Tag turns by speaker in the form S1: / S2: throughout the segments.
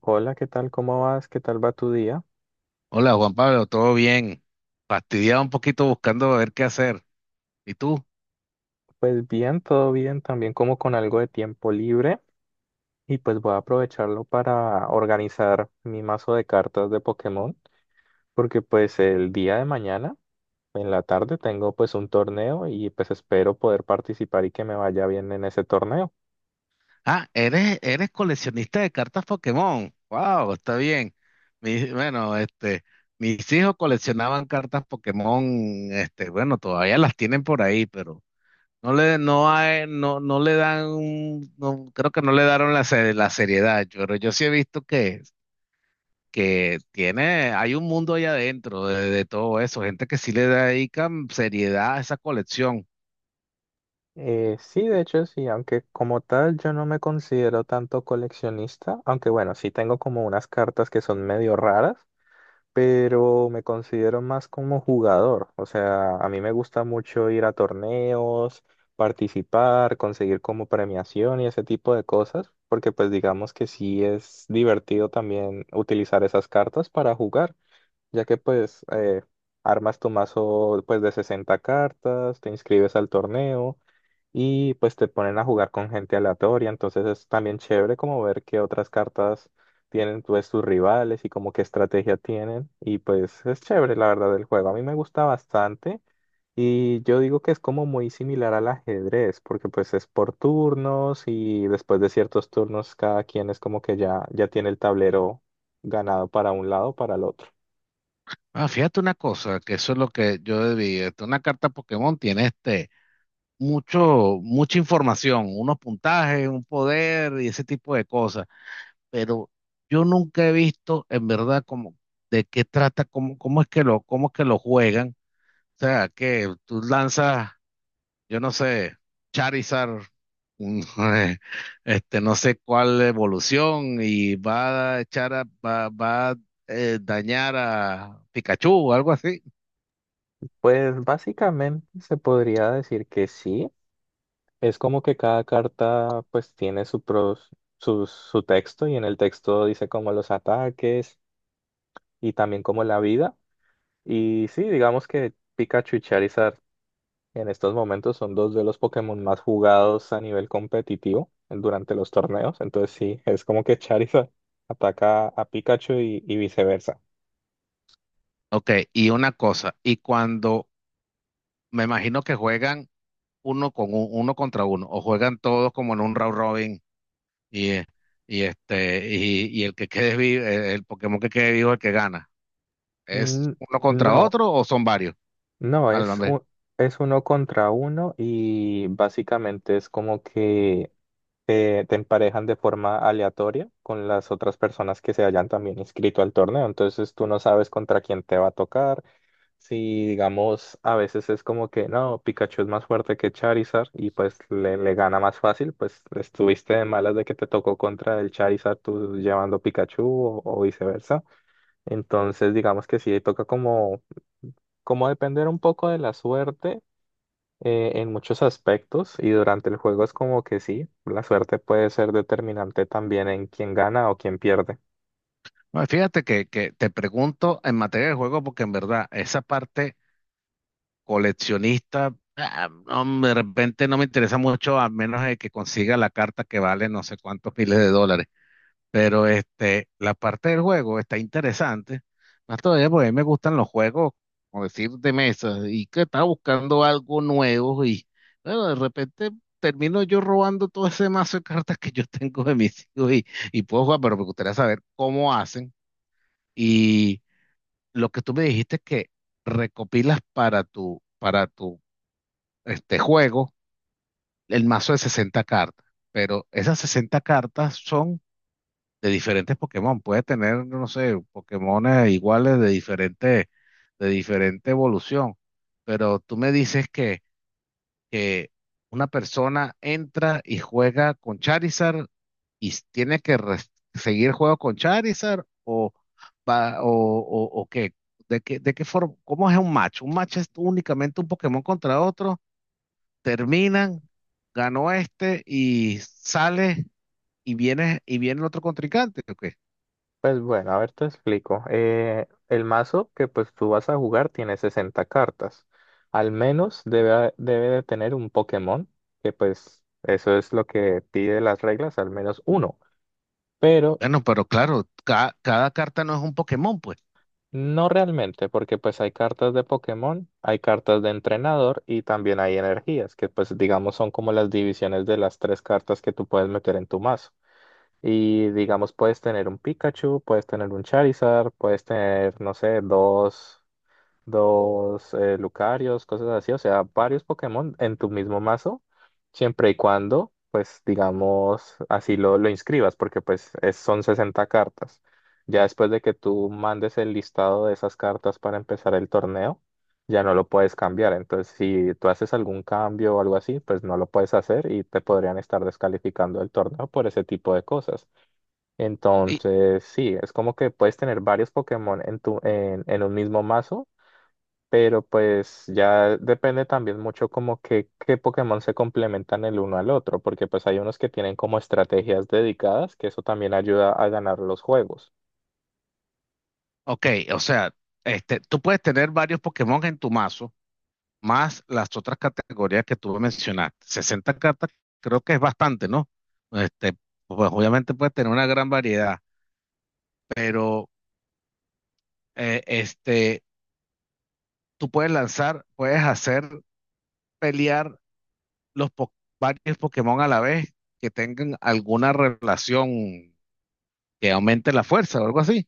S1: Hola, ¿qué tal? ¿Cómo vas? ¿Qué tal va tu día?
S2: Hola Juan Pablo, ¿todo bien? Fastidiado un poquito buscando ver qué hacer. ¿Y tú?
S1: Pues bien, todo bien, también como con algo de tiempo libre y pues voy a aprovecharlo para organizar mi mazo de cartas de Pokémon porque pues el día de mañana en la tarde tengo pues un torneo y pues espero poder participar y que me vaya bien en ese torneo.
S2: Ah, eres coleccionista de cartas Pokémon. Wow, está bien. Bueno, mis hijos coleccionaban cartas Pokémon, bueno, todavía las tienen por ahí, pero no le, no hay, no, no le dan, no, creo que no le daron la, la seriedad. Pero yo sí he visto que, hay un mundo allá adentro de todo eso, gente que sí le dedica seriedad a esa colección.
S1: Sí, de hecho sí, aunque como tal yo no me considero tanto coleccionista, aunque bueno, sí tengo como unas cartas que son medio raras pero me considero más como jugador. O sea, a mí me gusta mucho ir a torneos, participar, conseguir como premiación y ese tipo de cosas, porque pues digamos que sí es divertido también utilizar esas cartas para jugar, ya que pues armas tu mazo pues de 60 cartas, te inscribes al torneo y pues te ponen a jugar con gente aleatoria, entonces es también chévere como ver qué otras cartas tienen pues tus rivales y como qué estrategia tienen y pues es chévere la verdad del juego, a mí me gusta bastante y yo digo que es como muy similar al ajedrez porque pues es por turnos y después de ciertos turnos cada quien es como que ya, ya tiene el tablero ganado para un lado o para el otro.
S2: Ah, fíjate una cosa, que eso es lo que yo debí. Una carta Pokémon tiene mucha información, unos puntajes, un poder y ese tipo de cosas. Pero yo nunca he visto en verdad cómo, de qué trata, cómo es cómo es que lo juegan. O sea, que tú lanzas, yo no sé, Charizard, un, no sé cuál evolución, y va a dañar a Pikachu o algo así.
S1: Pues básicamente se podría decir que sí. Es como que cada carta pues tiene su texto y en el texto dice como los ataques y también como la vida. Y sí, digamos que Pikachu y Charizard en estos momentos son dos de los Pokémon más jugados a nivel competitivo durante los torneos. Entonces sí, es como que Charizard ataca a Pikachu y viceversa.
S2: OK, y una cosa, y cuando me imagino que juegan uno contra uno, o juegan todos como en un round robin, y, eh, y el que quede vivo, el Pokémon que quede vivo es el que gana. ¿Es
S1: Mm,
S2: uno contra
S1: no,
S2: otro o son varios?
S1: no,
S2: A ver.
S1: es uno contra uno y básicamente es como que... te emparejan de forma aleatoria con las otras personas que se hayan también inscrito al torneo. Entonces tú no sabes contra quién te va a tocar. Si digamos, a veces es como que no, Pikachu es más fuerte que Charizard y pues le gana más fácil, pues estuviste de malas de que te tocó contra el Charizard tú llevando Pikachu o viceversa. Entonces digamos que sí, toca como depender un poco de la suerte en muchos aspectos y durante el juego es como que sí, la suerte puede ser determinante también en quién gana o quién pierde.
S2: Bueno, fíjate que te pregunto en materia de juego, porque en verdad esa parte coleccionista, ah, no, de repente no me interesa mucho, a menos de que consiga la carta que vale no sé cuántos miles de dólares. Pero la parte del juego está interesante. Más todavía porque a mí me gustan los juegos, como decir, de mesa, y que estaba buscando algo nuevo y bueno, de repente termino yo robando todo ese mazo de cartas que yo tengo de mis hijos y puedo jugar, pero me gustaría saber cómo hacen. Y lo que tú me dijiste es que recopilas para tu juego el mazo de 60 cartas, pero esas 60 cartas son de diferentes Pokémon. Puedes tener, no sé, Pokémones iguales de diferente, evolución. Pero tú me dices que una persona entra y juega con Charizard y tiene que seguir el juego con Charizard o, va- o qué. ¿De qué, de qué forma? ¿Cómo es un match? Un match es únicamente un Pokémon contra otro. Terminan, ganó este y sale y viene el otro contrincante. ¿OK?
S1: Pues bueno, a ver, te explico. El mazo que pues tú vas a jugar tiene 60 cartas. Al menos debe de tener un Pokémon, que pues eso es lo que pide las reglas, al menos uno. Pero.
S2: Bueno, pero claro, cada carta no es un Pokémon, pues.
S1: No realmente, porque pues hay cartas de Pokémon, hay cartas de entrenador y también hay energías, que pues digamos son como las divisiones de las tres cartas que tú puedes meter en tu mazo. Y digamos puedes tener un Pikachu, puedes tener un Charizard, puedes tener, no sé, dos Lucarios, cosas así, o sea, varios Pokémon en tu mismo mazo, siempre y cuando, pues, digamos, así lo inscribas, porque pues es- son 60 cartas. Ya después de que tú mandes el listado de esas cartas para empezar el torneo, ya no lo puedes cambiar. Entonces, si tú haces algún cambio o algo así, pues no lo puedes hacer y te podrían estar descalificando el torneo por ese tipo de cosas.
S2: Y,
S1: Entonces, sí, es como que puedes tener varios Pokémon en en un mismo mazo pero pues ya depende también mucho como que qué Pokémon se complementan el uno al otro, porque pues hay unos que tienen como estrategias dedicadas, que eso también ayuda a ganar los juegos.
S2: OK, o sea, tú puedes tener varios Pokémon en tu mazo, más las otras categorías que tú mencionaste. 60 cartas creo que es bastante, ¿no? Este, pues obviamente puedes tener una gran variedad, pero eh, este, tú puedes lanzar, puedes hacer pelear los po- varios Pokémon a la vez que tengan alguna relación que aumente la fuerza o algo así.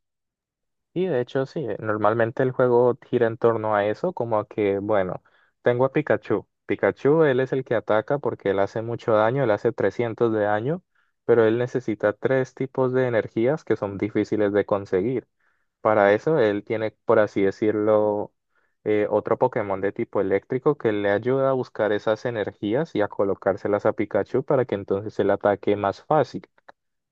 S1: Y de hecho sí, normalmente el juego gira en torno a eso, como a que, bueno, tengo a Pikachu. Pikachu, él es el que ataca porque él hace mucho daño, él hace 300 de daño, pero él necesita tres tipos de energías que son difíciles de conseguir. Para eso, él tiene, por así decirlo, otro Pokémon de tipo eléctrico que le ayuda a buscar esas energías y a colocárselas a Pikachu para que entonces el ataque más fácil.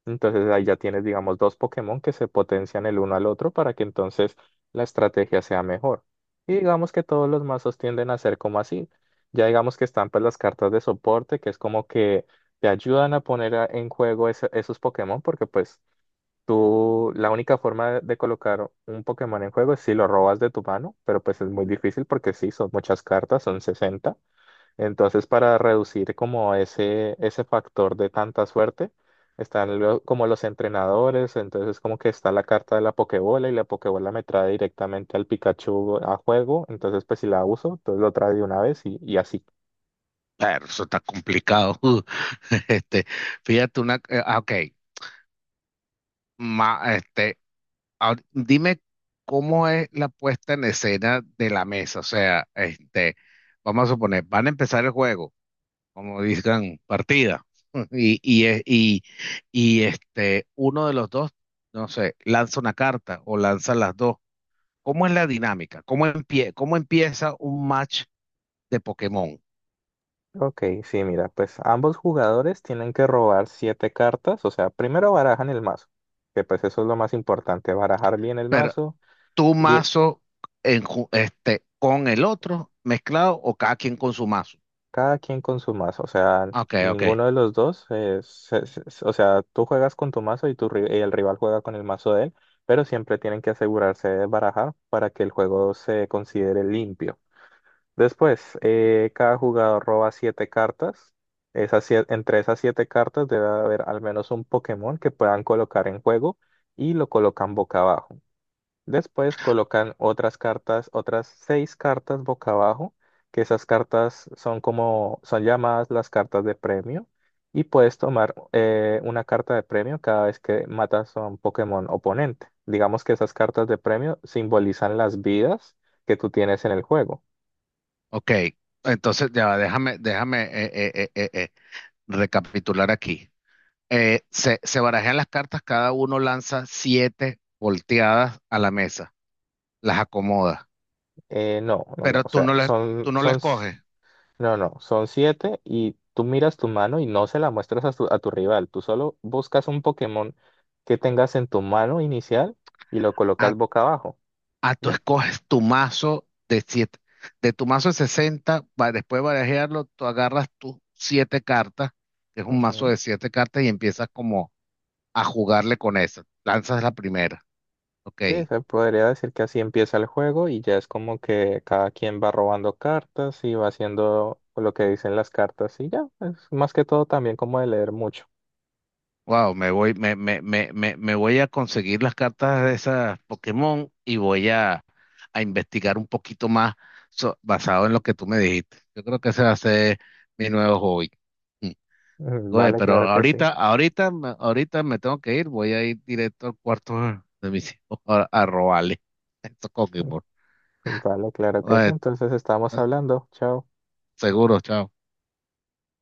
S1: Entonces ahí ya tienes, digamos, dos Pokémon que se potencian el uno al otro para que entonces la estrategia sea mejor. Y digamos que todos los mazos tienden a ser como así. Ya digamos que están pues las cartas de soporte, que es como que te ayudan a poner en juego esos Pokémon porque pues tú, la única forma de colocar un Pokémon en juego es si lo robas de tu mano, pero pues es muy difícil porque sí, son muchas cartas, son 60. Entonces, para reducir como ese factor de tanta suerte, están como los entrenadores, entonces como que está la carta de la Pokébola y la Pokébola me trae directamente al Pikachu a juego, entonces pues si la uso, entonces lo trae de una vez y así.
S2: Pero eso está complicado. Este, fíjate una, ah, ok, ma- este, dime cómo es la puesta en escena de la mesa. O sea, vamos a suponer, van a empezar el juego, como dicen, partida. Y, y, eh, y, uno de los dos, no sé, lanza una carta o lanza las dos. ¿Cómo es la dinámica? Cómo empieza un match de Pokémon?
S1: Ok, sí, mira, pues ambos jugadores tienen que robar siete cartas, o sea, primero barajan el mazo, que pues eso es lo más importante, barajar bien el mazo
S2: ¿Tu
S1: y
S2: mazo con el otro mezclado o cada quien con su mazo?
S1: cada quien con su mazo, o sea,
S2: OK, OK,
S1: ninguno de los dos, o sea, tú juegas con tu mazo y, y el rival juega con el mazo de él, pero siempre tienen que asegurarse de barajar para que el juego se considere limpio. Después, cada jugador roba siete cartas. Entre esas siete cartas debe haber al menos un Pokémon que puedan colocar en juego y lo colocan boca abajo. Después colocan otras cartas, otras seis cartas boca abajo, que esas cartas son como, son llamadas las cartas de premio. Y puedes tomar una carta de premio cada vez que matas a un Pokémon oponente. Digamos que esas cartas de premio simbolizan las vidas que tú tienes en el juego.
S2: OK. Entonces, ya, va, déjame recapitular aquí. Se barajan las cartas, cada uno lanza siete volteadas a la mesa, las acomoda,
S1: No, no, no,
S2: pero
S1: o
S2: tú
S1: sea,
S2: no les, tú no les coges.
S1: no, no, son siete y tú miras tu mano y no se la muestras a a tu rival, tú solo buscas un Pokémon que tengas en tu mano inicial y lo colocas
S2: Ah,
S1: boca abajo,
S2: Ah, tú
S1: ¿ya?
S2: escoges tu mazo de siete, de tu mazo de 60, después de barajearlo, tú agarras tus siete cartas, que es un mazo
S1: Ujú.
S2: de siete cartas, y empiezas como a jugarle con esas. Lanzas la primera. OK.
S1: Sí, se podría decir que así empieza el juego y ya es como que cada quien va robando cartas y va haciendo lo que dicen las cartas y ya, es más que todo también como de leer mucho.
S2: Wow, me voy, me voy a conseguir las cartas de esas Pokémon y voy a investigar un poquito más basado en lo que tú me dijiste. Yo creo que ese va a ser mi nuevo hobby.
S1: Mm,
S2: Oye,
S1: vale,
S2: pero
S1: claro que sí.
S2: ahorita, ahorita, ahorita me tengo que ir, voy a ir directo al cuarto de mis hijos a robarle. Esto es Coquimbo.
S1: Mm, vale, claro que sí,
S2: Oye,
S1: entonces estamos hablando, chao.
S2: seguro, chao.